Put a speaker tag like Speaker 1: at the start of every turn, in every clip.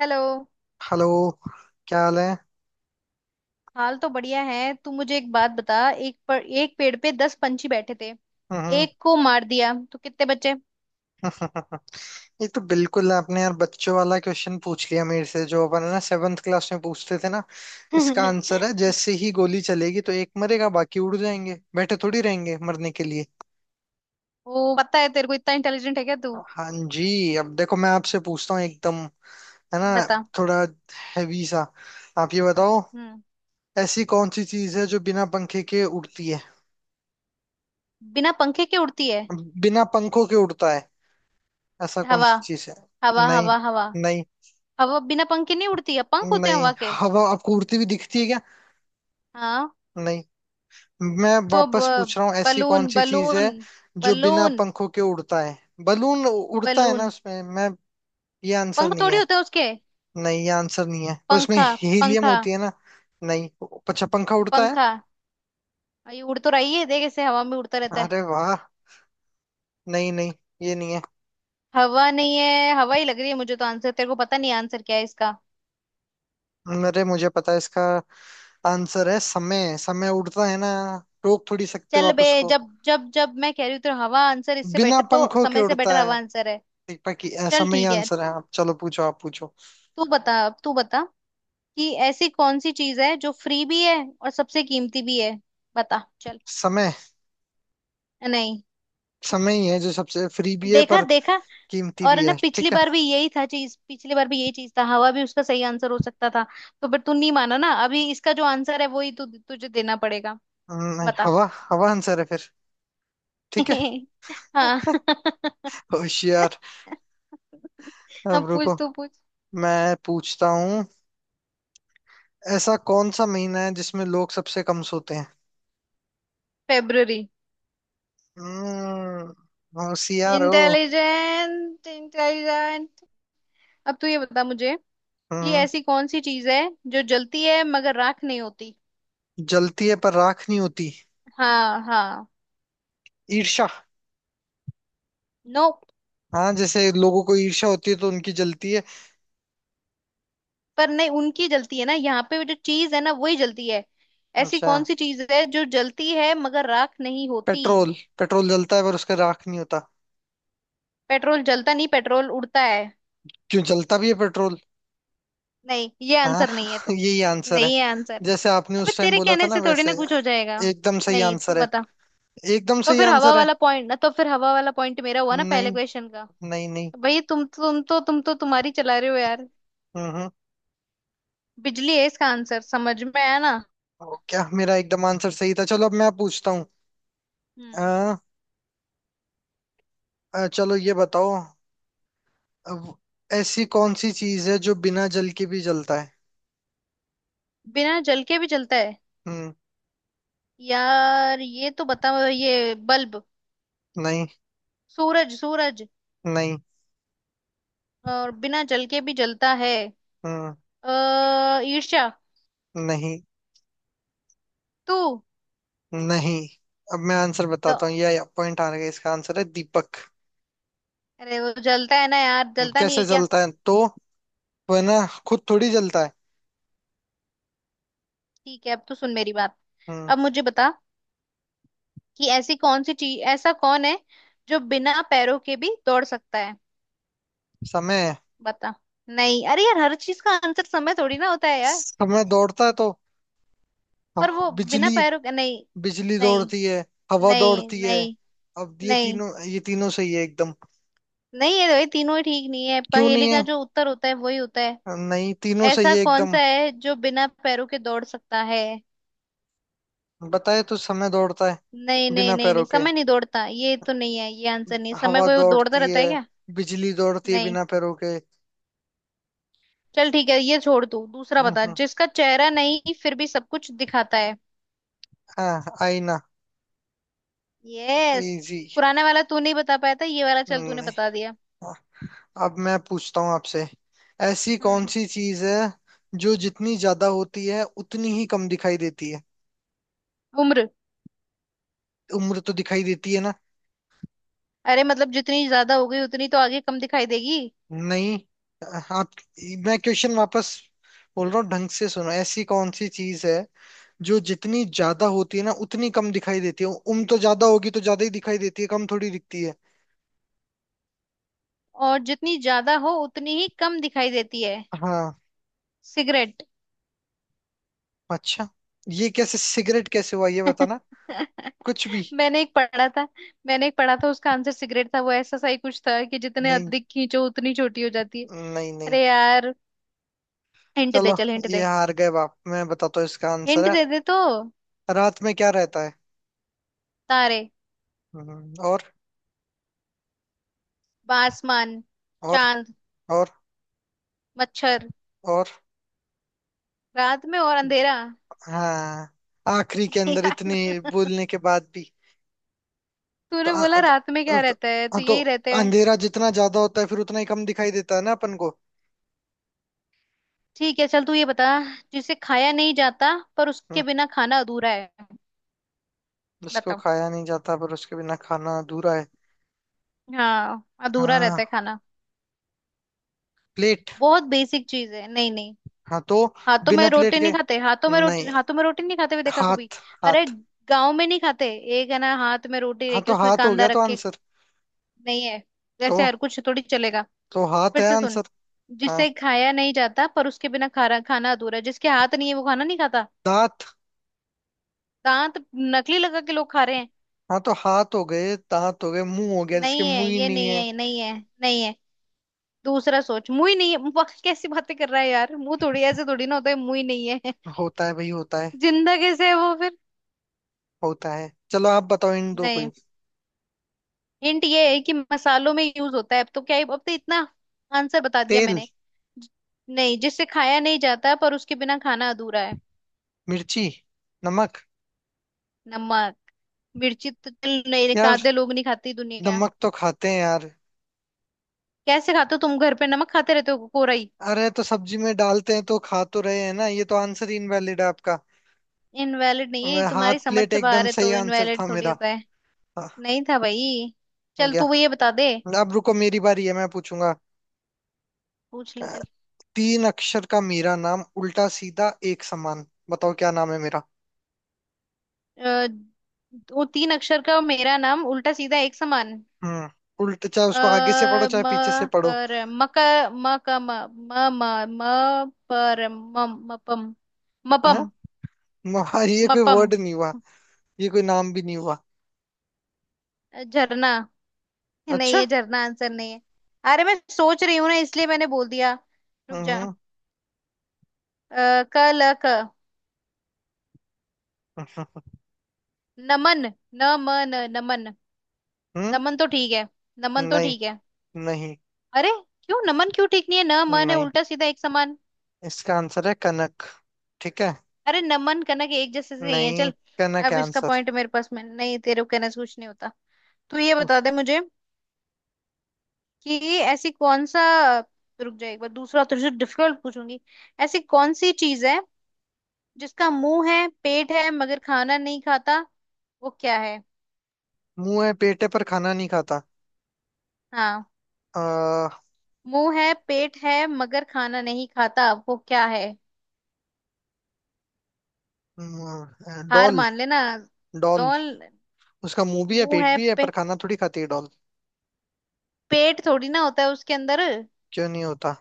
Speaker 1: Hello.
Speaker 2: Hello. क्या हाल है।
Speaker 1: हाल तो बढ़िया है। तू मुझे एक बात बता। एक पेड़ पे 10 पंछी बैठे थे,
Speaker 2: हम्म।
Speaker 1: एक को मार दिया तो कितने बचे?
Speaker 2: ये तो बिल्कुल आपने यार बच्चों वाला क्वेश्चन पूछ लिया मेरे से, जो अपन है ना, सेवन्थ क्लास में पूछते थे ना। इसका आंसर है, जैसे ही गोली चलेगी तो एक मरेगा, बाकी उड़ जाएंगे, बैठे थोड़ी रहेंगे मरने के लिए।
Speaker 1: वो पता है तेरे को, इतना इंटेलिजेंट है क्या तू?
Speaker 2: हाँ जी, अब देखो मैं आपसे पूछता हूँ एकदम। है ना।
Speaker 1: बता।
Speaker 2: थोड़ा हैवी सा। आप ये बताओ,
Speaker 1: हम्म।
Speaker 2: ऐसी कौन सी चीज है जो बिना पंखे के उड़ती है।
Speaker 1: बिना पंखे के उड़ती है?
Speaker 2: बिना पंखों के उड़ता है, ऐसा कौन
Speaker 1: हवा।
Speaker 2: सी चीज है।
Speaker 1: हवा,
Speaker 2: नहीं।
Speaker 1: हवा, हवा।
Speaker 2: नहीं।
Speaker 1: हवा बिना पंखे नहीं उड़ती है, पंख होते हैं
Speaker 2: नहीं।
Speaker 1: हवा के।
Speaker 2: अब आपको उड़ती हुई दिखती है क्या।
Speaker 1: हाँ।
Speaker 2: नहीं। मैं
Speaker 1: तो
Speaker 2: वापस पूछ रहा हूँ, ऐसी कौन
Speaker 1: बलून,
Speaker 2: सी चीज
Speaker 1: बलून,
Speaker 2: है जो बिना
Speaker 1: बलून,
Speaker 2: पंखों के उड़ता है। बलून उड़ता है ना
Speaker 1: बलून।
Speaker 2: उसमें मैं। ये आंसर
Speaker 1: पंख
Speaker 2: नहीं
Speaker 1: थोड़ी
Speaker 2: है।
Speaker 1: होते हैं उसके।
Speaker 2: नहीं, ये आंसर नहीं है, उसमें
Speaker 1: पंखा,
Speaker 2: हीलियम
Speaker 1: पंखा,
Speaker 2: होती है ना। नहीं। अच्छा, पंखा उड़ता है।
Speaker 1: पंखा। ये उड़ तो रही है, देख, ऐसे हवा में उड़ता रहता है।
Speaker 2: अरे वाह। नहीं, नहीं, ये नहीं है।
Speaker 1: हवा नहीं है? हवा ही लग रही है मुझे। तो आंसर तेरे को पता नहीं, आंसर क्या है इसका?
Speaker 2: अरे मुझे पता है इसका। आंसर है समय, समय उड़ता है ना, रोक थोड़ी सकते हो
Speaker 1: चल
Speaker 2: आप
Speaker 1: बे।
Speaker 2: उसको।
Speaker 1: जब जब जब मैं कह रही हूँ तो हवा आंसर, इससे
Speaker 2: बिना
Speaker 1: बेटर तो,
Speaker 2: पंखों के
Speaker 1: समय से
Speaker 2: उड़ता
Speaker 1: बेटर
Speaker 2: है,
Speaker 1: हवा आंसर है।
Speaker 2: दीपक की।
Speaker 1: चल
Speaker 2: समय ही
Speaker 1: ठीक है।
Speaker 2: आंसर है, आप चलो पूछो, आप पूछो।
Speaker 1: तू बता, अब तू बता कि ऐसी कौन सी चीज है जो फ्री भी है और सबसे कीमती भी है? बता चल।
Speaker 2: समय,
Speaker 1: नहीं।
Speaker 2: समय ही है जो सबसे फ्री भी है
Speaker 1: देखा
Speaker 2: पर
Speaker 1: देखा।
Speaker 2: कीमती
Speaker 1: और
Speaker 2: भी
Speaker 1: ना,
Speaker 2: है,
Speaker 1: पिछली
Speaker 2: ठीक है।
Speaker 1: बार भी यही था चीज, पिछली बार भी यही चीज था, हवा भी उसका सही आंसर हो सकता था। तो फिर तू नहीं माना ना, अभी इसका जो आंसर है वही तू तुझे देना पड़ेगा।
Speaker 2: हम्म। नहीं,
Speaker 1: बता।
Speaker 2: हवा, हवा आंसर है फिर, ठीक है।
Speaker 1: हाँ।
Speaker 2: होशियार। अब
Speaker 1: अब पूछ,
Speaker 2: रुको,
Speaker 1: तू पूछ।
Speaker 2: मैं पूछता हूँ, ऐसा कौन सा महीना है जिसमें लोग सबसे कम सोते हैं।
Speaker 1: फेब्ररी।
Speaker 2: होशियार हो।
Speaker 1: Intelligent, intelligent. अब तू ये बता मुझे कि
Speaker 2: हम्म
Speaker 1: ऐसी कौन सी चीज है जो जलती है मगर राख नहीं होती?
Speaker 2: जलती है पर राख नहीं होती।
Speaker 1: हाँ हाँ।
Speaker 2: ईर्ष्या।
Speaker 1: नो।
Speaker 2: हाँ, जैसे लोगों को ईर्ष्या होती है तो उनकी जलती है।
Speaker 1: पर नहीं, उनकी जलती है ना, यहाँ पे जो चीज है ना वही जलती है। ऐसी
Speaker 2: अच्छा।
Speaker 1: कौन सी चीज है जो जलती है मगर राख नहीं होती?
Speaker 2: पेट्रोल। पेट्रोल जलता है पर उसका राख नहीं होता।
Speaker 1: पेट्रोल जलता नहीं, पेट्रोल उड़ता है।
Speaker 2: क्यों, जलता भी है पेट्रोल।
Speaker 1: नहीं, ये
Speaker 2: हाँ।
Speaker 1: आंसर नहीं है तो।
Speaker 2: यही आंसर है।
Speaker 1: नहीं है आंसर।
Speaker 2: जैसे आपने
Speaker 1: अबे,
Speaker 2: उस टाइम
Speaker 1: तेरे
Speaker 2: बोला था
Speaker 1: कहने
Speaker 2: ना
Speaker 1: से थोड़ी
Speaker 2: वैसे,
Speaker 1: ना कुछ हो जाएगा।
Speaker 2: एकदम सही
Speaker 1: नहीं, तू
Speaker 2: आंसर है।
Speaker 1: बता।
Speaker 2: एकदम
Speaker 1: तो
Speaker 2: सही
Speaker 1: फिर हवा
Speaker 2: आंसर है।
Speaker 1: वाला पॉइंट ना, तो फिर हवा वाला पॉइंट मेरा हुआ ना
Speaker 2: नहीं।
Speaker 1: पहले क्वेश्चन का?
Speaker 2: नहीं। नहीं।
Speaker 1: भाई, तुम तो तुम्हारी चला रहे हो यार।
Speaker 2: हम्म,
Speaker 1: बिजली है इसका आंसर, समझ में आया ना?
Speaker 2: क्या, मेरा एकदम आंसर सही था, चलो अब मैं पूछता हूँ।
Speaker 1: हम्म।
Speaker 2: अ, चलो ये बताओ, अब ऐसी कौन सी चीज है जो बिना जल के भी जलता है।
Speaker 1: बिना जल के भी जलता है?
Speaker 2: हम्म
Speaker 1: यार ये तो बता, ये बल्ब?
Speaker 2: नहीं।
Speaker 1: सूरज, सूरज।
Speaker 2: नहीं।
Speaker 1: और बिना जल के भी जलता है।
Speaker 2: हम्म
Speaker 1: अः ईर्ष्या?
Speaker 2: नहीं।
Speaker 1: तू?
Speaker 2: नहीं। अब मैं आंसर
Speaker 1: तो
Speaker 2: बताता हूँ, ये पॉइंट आ गया, इसका आंसर है दीपक।
Speaker 1: अरे वो जलता है ना यार, जलता नहीं
Speaker 2: कैसे
Speaker 1: है क्या?
Speaker 2: जलता है तो। वह ना, खुद थोड़ी जलता है।
Speaker 1: ठीक है, अब तो सुन मेरी बात।
Speaker 2: हम्म
Speaker 1: अब मुझे बता कि ऐसी कौन सी चीज ऐसा कौन है जो बिना पैरों के भी दौड़ सकता है?
Speaker 2: समय,
Speaker 1: बता। नहीं, अरे यार, हर चीज का आंसर समय थोड़ी ना होता है यार।
Speaker 2: समय दौड़ता है तो।
Speaker 1: पर
Speaker 2: हाँ,
Speaker 1: वो बिना
Speaker 2: बिजली,
Speaker 1: पैरों के नहीं
Speaker 2: बिजली
Speaker 1: नहीं
Speaker 2: दौड़ती है। हवा
Speaker 1: नहीं।
Speaker 2: दौड़ती है।
Speaker 1: नहीं।
Speaker 2: अब ये
Speaker 1: नहीं।
Speaker 2: तीनों, ये तीनों सही है एकदम।
Speaker 1: नहीं, ये तीनों ही ठीक नहीं है,
Speaker 2: क्यों
Speaker 1: पहेली
Speaker 2: नहीं
Speaker 1: का
Speaker 2: है।
Speaker 1: जो उत्तर होता है वही होता है।
Speaker 2: नहीं, तीनों सही
Speaker 1: ऐसा
Speaker 2: है
Speaker 1: कौन सा
Speaker 2: एकदम।
Speaker 1: है जो बिना पैरों के दौड़ सकता है?
Speaker 2: बताए तो समय दौड़ता है
Speaker 1: नहीं, नहीं,
Speaker 2: बिना
Speaker 1: नहीं,
Speaker 2: पैरों
Speaker 1: नहीं,
Speaker 2: के।
Speaker 1: समय नहीं दौड़ता, ये तो नहीं है ये आंसर नहीं है। समय
Speaker 2: हवा
Speaker 1: कोई वो दौड़ता
Speaker 2: दौड़ती
Speaker 1: रहता
Speaker 2: है।
Speaker 1: है क्या?
Speaker 2: बिजली दौड़ती है
Speaker 1: नहीं।
Speaker 2: बिना पैरों के।
Speaker 1: चल ठीक है, ये छोड़, तू दूसरा
Speaker 2: हम्म,
Speaker 1: बता।
Speaker 2: हम्म,
Speaker 1: जिसका चेहरा नहीं फिर भी सब कुछ दिखाता है।
Speaker 2: हाँ, आईना।
Speaker 1: यस।
Speaker 2: इजी।
Speaker 1: पुराने वाला तू नहीं बता पाया था, ये वाला चल तूने
Speaker 2: नहीं।
Speaker 1: बता दिया।
Speaker 2: हाँ, अब मैं पूछता हूँ आपसे, ऐसी कौन
Speaker 1: हम्म।
Speaker 2: सी चीज है जो जितनी ज्यादा होती है उतनी ही कम दिखाई देती है।
Speaker 1: उम्र।
Speaker 2: उम्र तो दिखाई देती है ना।
Speaker 1: अरे मतलब जितनी ज्यादा हो गई उतनी तो आगे कम दिखाई देगी।
Speaker 2: नहीं। आप, मैं क्वेश्चन वापस बोल रहा हूँ, ढंग से सुनो, ऐसी कौन सी चीज है जो जितनी ज्यादा होती है ना उतनी कम दिखाई देती है, उम्र तो ज्यादा होगी तो ज्यादा ही दिखाई देती है, कम थोड़ी दिखती है।
Speaker 1: और जितनी ज्यादा हो उतनी ही कम दिखाई देती है?
Speaker 2: हाँ।
Speaker 1: सिगरेट।
Speaker 2: अच्छा, ये कैसे, सिगरेट कैसे हुआ ये बताना। कुछ भी।
Speaker 1: मैंने एक पढ़ा था मैंने एक पढ़ा था, उसका आंसर सिगरेट था, वो ऐसा सा ही कुछ था कि जितने
Speaker 2: नहीं।
Speaker 1: अधिक खींचो उतनी छोटी हो जाती है।
Speaker 2: नहीं। नहीं।
Speaker 1: अरे यार, हिंट दे
Speaker 2: चलो
Speaker 1: चल, हिंट
Speaker 2: ये
Speaker 1: दे।
Speaker 2: हार गए बाप, मैं बताता हूँ इसका
Speaker 1: हिंट
Speaker 2: आंसर है।
Speaker 1: दे, दे तो।
Speaker 2: रात में क्या रहता है।
Speaker 1: तारे।
Speaker 2: और।
Speaker 1: आसमान।
Speaker 2: और।
Speaker 1: चांद।
Speaker 2: और।
Speaker 1: मच्छर।
Speaker 2: और।
Speaker 1: रात में और अंधेरा।
Speaker 2: हाँ, आखिरी के अंदर
Speaker 1: यार।
Speaker 2: इतने बोलने के बाद भी। तो,
Speaker 1: तूने
Speaker 2: अ-
Speaker 1: बोला रात में
Speaker 2: अ-
Speaker 1: क्या
Speaker 2: अ-
Speaker 1: रहता है
Speaker 2: अ-
Speaker 1: तो
Speaker 2: तो
Speaker 1: यही रहते हैं।
Speaker 2: अंधेरा जितना ज्यादा होता है फिर उतना ही कम दिखाई देता है ना अपन को।
Speaker 1: ठीक है चल, तू ये बता। जिसे खाया नहीं जाता पर
Speaker 2: हम्म,
Speaker 1: उसके बिना खाना अधूरा है?
Speaker 2: उसको
Speaker 1: बताओ।
Speaker 2: खाया नहीं जाता पर उसके बिना खाना अधूरा है।
Speaker 1: हाँ, अधूरा रहता है
Speaker 2: हाँ,
Speaker 1: खाना।
Speaker 2: प्लेट।
Speaker 1: बहुत बेसिक चीज है, नहीं नहीं।
Speaker 2: हाँ तो
Speaker 1: हाथों में
Speaker 2: बिना प्लेट
Speaker 1: रोटी नहीं
Speaker 2: के।
Speaker 1: खाते,
Speaker 2: नहीं।
Speaker 1: हाथों में रोटी नहीं खाते हुए देखा कभी?
Speaker 2: हाथ।
Speaker 1: अरे,
Speaker 2: हाथ।
Speaker 1: गांव में नहीं खाते, एक है ना हाथ में रोटी
Speaker 2: हाँ
Speaker 1: लेके
Speaker 2: तो
Speaker 1: उसमें
Speaker 2: हाथ हो
Speaker 1: कांदा
Speaker 2: गया तो
Speaker 1: रख के।
Speaker 2: आंसर।
Speaker 1: नहीं है।
Speaker 2: तो
Speaker 1: वैसे हर कुछ थोड़ी चलेगा।
Speaker 2: तो हाथ
Speaker 1: फिर
Speaker 2: है
Speaker 1: से सुन।
Speaker 2: आंसर। हाँ,
Speaker 1: जिसे खाया नहीं जाता पर उसके बिना खाना खाना अधूरा है, जिसके हाथ नहीं है वो खाना नहीं खाता।
Speaker 2: दांत।
Speaker 1: दांत। नकली लगा के लोग खा रहे हैं।
Speaker 2: हाँ, तो हाथ हो गए, दांत हो गए, मुंह हो गया, जिसके
Speaker 1: नहीं है,
Speaker 2: मुंह ही
Speaker 1: ये
Speaker 2: नहीं
Speaker 1: नहीं
Speaker 2: है।
Speaker 1: है, ये नहीं है। नहीं है। दूसरा सोच, मुंह ही नहीं है? वाह, कैसी बातें कर रहा है यार, मुंह थोड़ी ऐसे थोड़ी ना होता है, मुंह ही नहीं है।
Speaker 2: होता है भाई, होता है।
Speaker 1: जिंदा कैसे है वो फिर?
Speaker 2: होता है, चलो आप बताओ इन दो कोई।
Speaker 1: नहीं। हिंट ये है कि मसालों में यूज होता है, अब तो क्या ही, अब तो इतना आंसर बता दिया
Speaker 2: तेल।
Speaker 1: मैंने। ज- नहीं, जिससे खाया नहीं जाता पर उसके बिना खाना अधूरा है।
Speaker 2: मिर्ची। नमक।
Speaker 1: नमक। मिर्ची तो चल नहीं,
Speaker 2: यार,
Speaker 1: आधे लोग नहीं खाती दुनिया।
Speaker 2: नमक तो खाते हैं यार।
Speaker 1: कैसे खाते हो तुम घर पे, नमक खाते रहते हो कोरा ही?
Speaker 2: अरे तो सब्जी में डालते हैं तो खा तो रहे हैं ना, ये तो आंसर ही इनवैलिड है आपका।
Speaker 1: इनवैलिड नहीं है, ये तुम्हारी
Speaker 2: हाथ,
Speaker 1: समझ
Speaker 2: प्लेट
Speaker 1: से
Speaker 2: एकदम
Speaker 1: बाहर है,
Speaker 2: सही
Speaker 1: तो
Speaker 2: आंसर
Speaker 1: इनवैलिड
Speaker 2: था
Speaker 1: थोड़ी
Speaker 2: मेरा।
Speaker 1: होता है।
Speaker 2: हाँ।
Speaker 1: नहीं था भाई।
Speaker 2: हो
Speaker 1: चल,
Speaker 2: गया।
Speaker 1: तू वो ये बता दे।
Speaker 2: अब रुको, मेरी बारी है, मैं पूछूंगा।
Speaker 1: पूछ
Speaker 2: अ,
Speaker 1: ले चल।
Speaker 2: तीन अक्षर का मेरा नाम, उल्टा सीधा एक समान, बताओ क्या नाम है मेरा।
Speaker 1: अ, वो 3 अक्षर का मेरा नाम उल्टा सीधा एक समान।
Speaker 2: हम्म उल्टा, चाहे
Speaker 1: अ,
Speaker 2: उसको आगे से पढ़ो चाहे
Speaker 1: म,
Speaker 2: पीछे से पढ़ो।
Speaker 1: कर, मक, म क म, म म, म, पर मम मपम, मपम,
Speaker 2: हाँ। म- ये कोई
Speaker 1: मपम,
Speaker 2: वर्ड नहीं हुआ, ये कोई नाम भी नहीं हुआ।
Speaker 1: झरना। नहीं
Speaker 2: अच्छा।
Speaker 1: है, झरना आंसर नहीं है। अरे मैं सोच रही हूँ ना, इसलिए मैंने बोल दिया। रुक जा।
Speaker 2: हम्म,
Speaker 1: अ, क ल क,
Speaker 2: हम्म,
Speaker 1: नमन, न म न, नमन।
Speaker 2: हम्म।
Speaker 1: नमन तो ठीक है, नमन तो
Speaker 2: नहीं,
Speaker 1: ठीक है।
Speaker 2: नहीं,
Speaker 1: अरे, क्यों नमन क्यों ठीक नहीं है? न मन है,
Speaker 2: नहीं,
Speaker 1: उल्टा सीधा एक समान।
Speaker 2: इसका आंसर है कनक, ठीक है।
Speaker 1: अरे नमन कनक एक जैसे से ही है
Speaker 2: नहीं,
Speaker 1: चल।
Speaker 2: कनक
Speaker 1: अब
Speaker 2: है
Speaker 1: इसका
Speaker 2: आंसर।
Speaker 1: पॉइंट मेरे पास में, नहीं तेरे को कहने से कुछ नहीं होता। तू ये बता
Speaker 2: उस-
Speaker 1: दे मुझे कि ऐसी कौन सा, रुक जाए, एक बार दूसरा तुझसे डिफिकल्ट पूछूंगी। ऐसी कौन सी चीज है जिसका मुंह है पेट है मगर खाना नहीं खाता, वो क्या है?
Speaker 2: मुंह है पेट है पर खाना नहीं खाता।
Speaker 1: हाँ।
Speaker 2: आ,
Speaker 1: मुंह है पेट है मगर खाना नहीं खाता वो क्या है? हार
Speaker 2: डॉल।
Speaker 1: मान लेना।
Speaker 2: डॉल।
Speaker 1: डॉल।
Speaker 2: उसका मुंह भी है
Speaker 1: मुंह
Speaker 2: पेट
Speaker 1: है
Speaker 2: भी है, पर खाना थोड़ी खाती है डॉल।
Speaker 1: पेट थोड़ी ना होता है उसके अंदर।
Speaker 2: क्यों नहीं होता।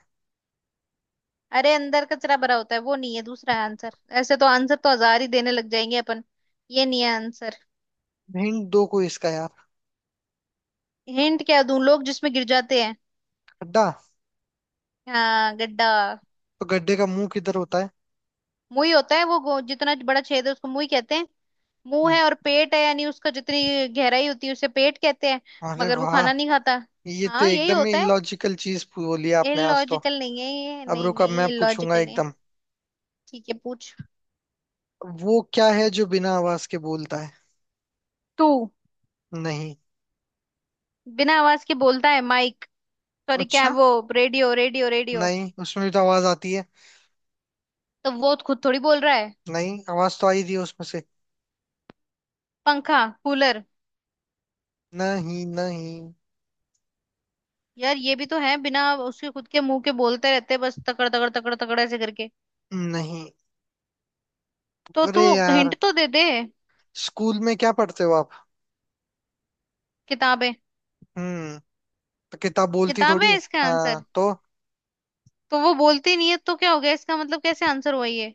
Speaker 1: अरे, अंदर कचरा भरा होता है, वो नहीं है, दूसरा है आंसर। ऐसे तो आंसर तो हजार ही देने लग जाएंगे अपन। ये नहीं है आंसर।
Speaker 2: हिंट दो कोई इसका यार।
Speaker 1: हिंट क्या दूं, लोग जिसमें गिर जाते हैं।
Speaker 2: गड्ढा।
Speaker 1: हाँ गड्ढा।
Speaker 2: तो गड्ढे का मुंह किधर होता है।
Speaker 1: मुंह ही होता है वो, जितना बड़ा छेद है उसको मुंह ही कहते हैं। मुंह
Speaker 2: हम्म,
Speaker 1: है और पेट है, यानी उसका जितनी गहराई होती है उसे पेट कहते हैं।
Speaker 2: अरे
Speaker 1: मगर वो
Speaker 2: वाह।
Speaker 1: खाना नहीं खाता।
Speaker 2: ये तो
Speaker 1: हाँ यही
Speaker 2: एकदम ही
Speaker 1: होता है।
Speaker 2: इलॉजिकल चीज बोली आपने आज तो।
Speaker 1: इलॉजिकल नहीं है, ये
Speaker 2: अब
Speaker 1: नहीं
Speaker 2: रुको, अब
Speaker 1: नहीं
Speaker 2: मैं पूछूंगा
Speaker 1: इलॉजिकल नहीं है।
Speaker 2: एकदम,
Speaker 1: ठीक है, पूछ।
Speaker 2: वो क्या है जो बिना आवाज के बोलता है।
Speaker 1: तू।
Speaker 2: नहीं।
Speaker 1: बिना आवाज के बोलता है, माइक? सॉरी क्या है
Speaker 2: अच्छा।
Speaker 1: वो? Radio, radio, radio.
Speaker 2: नहीं, उसमें भी तो आवाज आती है।
Speaker 1: तो वो खुद थोड़ी बोल रहा है।
Speaker 2: नहीं, आवाज तो आई थी उसमें से।
Speaker 1: पंखा, कूलर?
Speaker 2: नहीं। नहीं।
Speaker 1: यार ये भी तो है, बिना उसके खुद के मुंह के बोलते रहते हैं, बस तकड़ तकड़ तकड़ तकड़ ऐसे करके।
Speaker 2: नहीं।
Speaker 1: तो तू?
Speaker 2: अरे यार।
Speaker 1: हिंट तो दे दे।
Speaker 2: स्कूल में क्या पढ़ते हो आप।
Speaker 1: किताबें।
Speaker 2: हम्म तो किताब बोलती
Speaker 1: किताबें
Speaker 2: थोड़ी
Speaker 1: है
Speaker 2: है।
Speaker 1: इसका
Speaker 2: हाँ
Speaker 1: आंसर?
Speaker 2: तो।
Speaker 1: तो वो बोलती नहीं है तो क्या हो गया, इसका मतलब कैसे आंसर हुआ ये?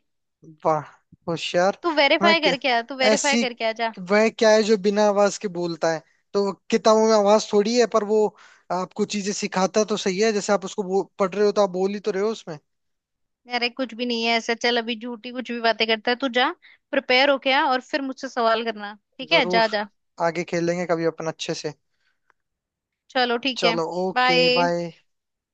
Speaker 2: वाह, होशियार।
Speaker 1: तू
Speaker 2: मैं
Speaker 1: वेरीफाई
Speaker 2: क्या,
Speaker 1: करके आ, तू वेरीफाई
Speaker 2: ऐसी
Speaker 1: करके आ जा।
Speaker 2: वह क्या है जो बिना आवाज के बोलता है। तो वो किताबों में आवाज थोड़ी है, पर वो आपको चीजें सिखाता तो सही है, जैसे आप उसको पढ़ रहे हो तो आप बोल ही तो रहे हो उसमें।
Speaker 1: अरे कुछ भी नहीं है ऐसे, चल अभी झूठी कुछ भी बातें करता है तू, जा। प्रिपेयर होके आ और फिर मुझसे सवाल करना, ठीक है,
Speaker 2: जरूर,
Speaker 1: जा जा।
Speaker 2: आगे खेलेंगे कभी अपन अच्छे से।
Speaker 1: चलो ठीक है।
Speaker 2: चलो, ओके,
Speaker 1: बाय।
Speaker 2: बाय।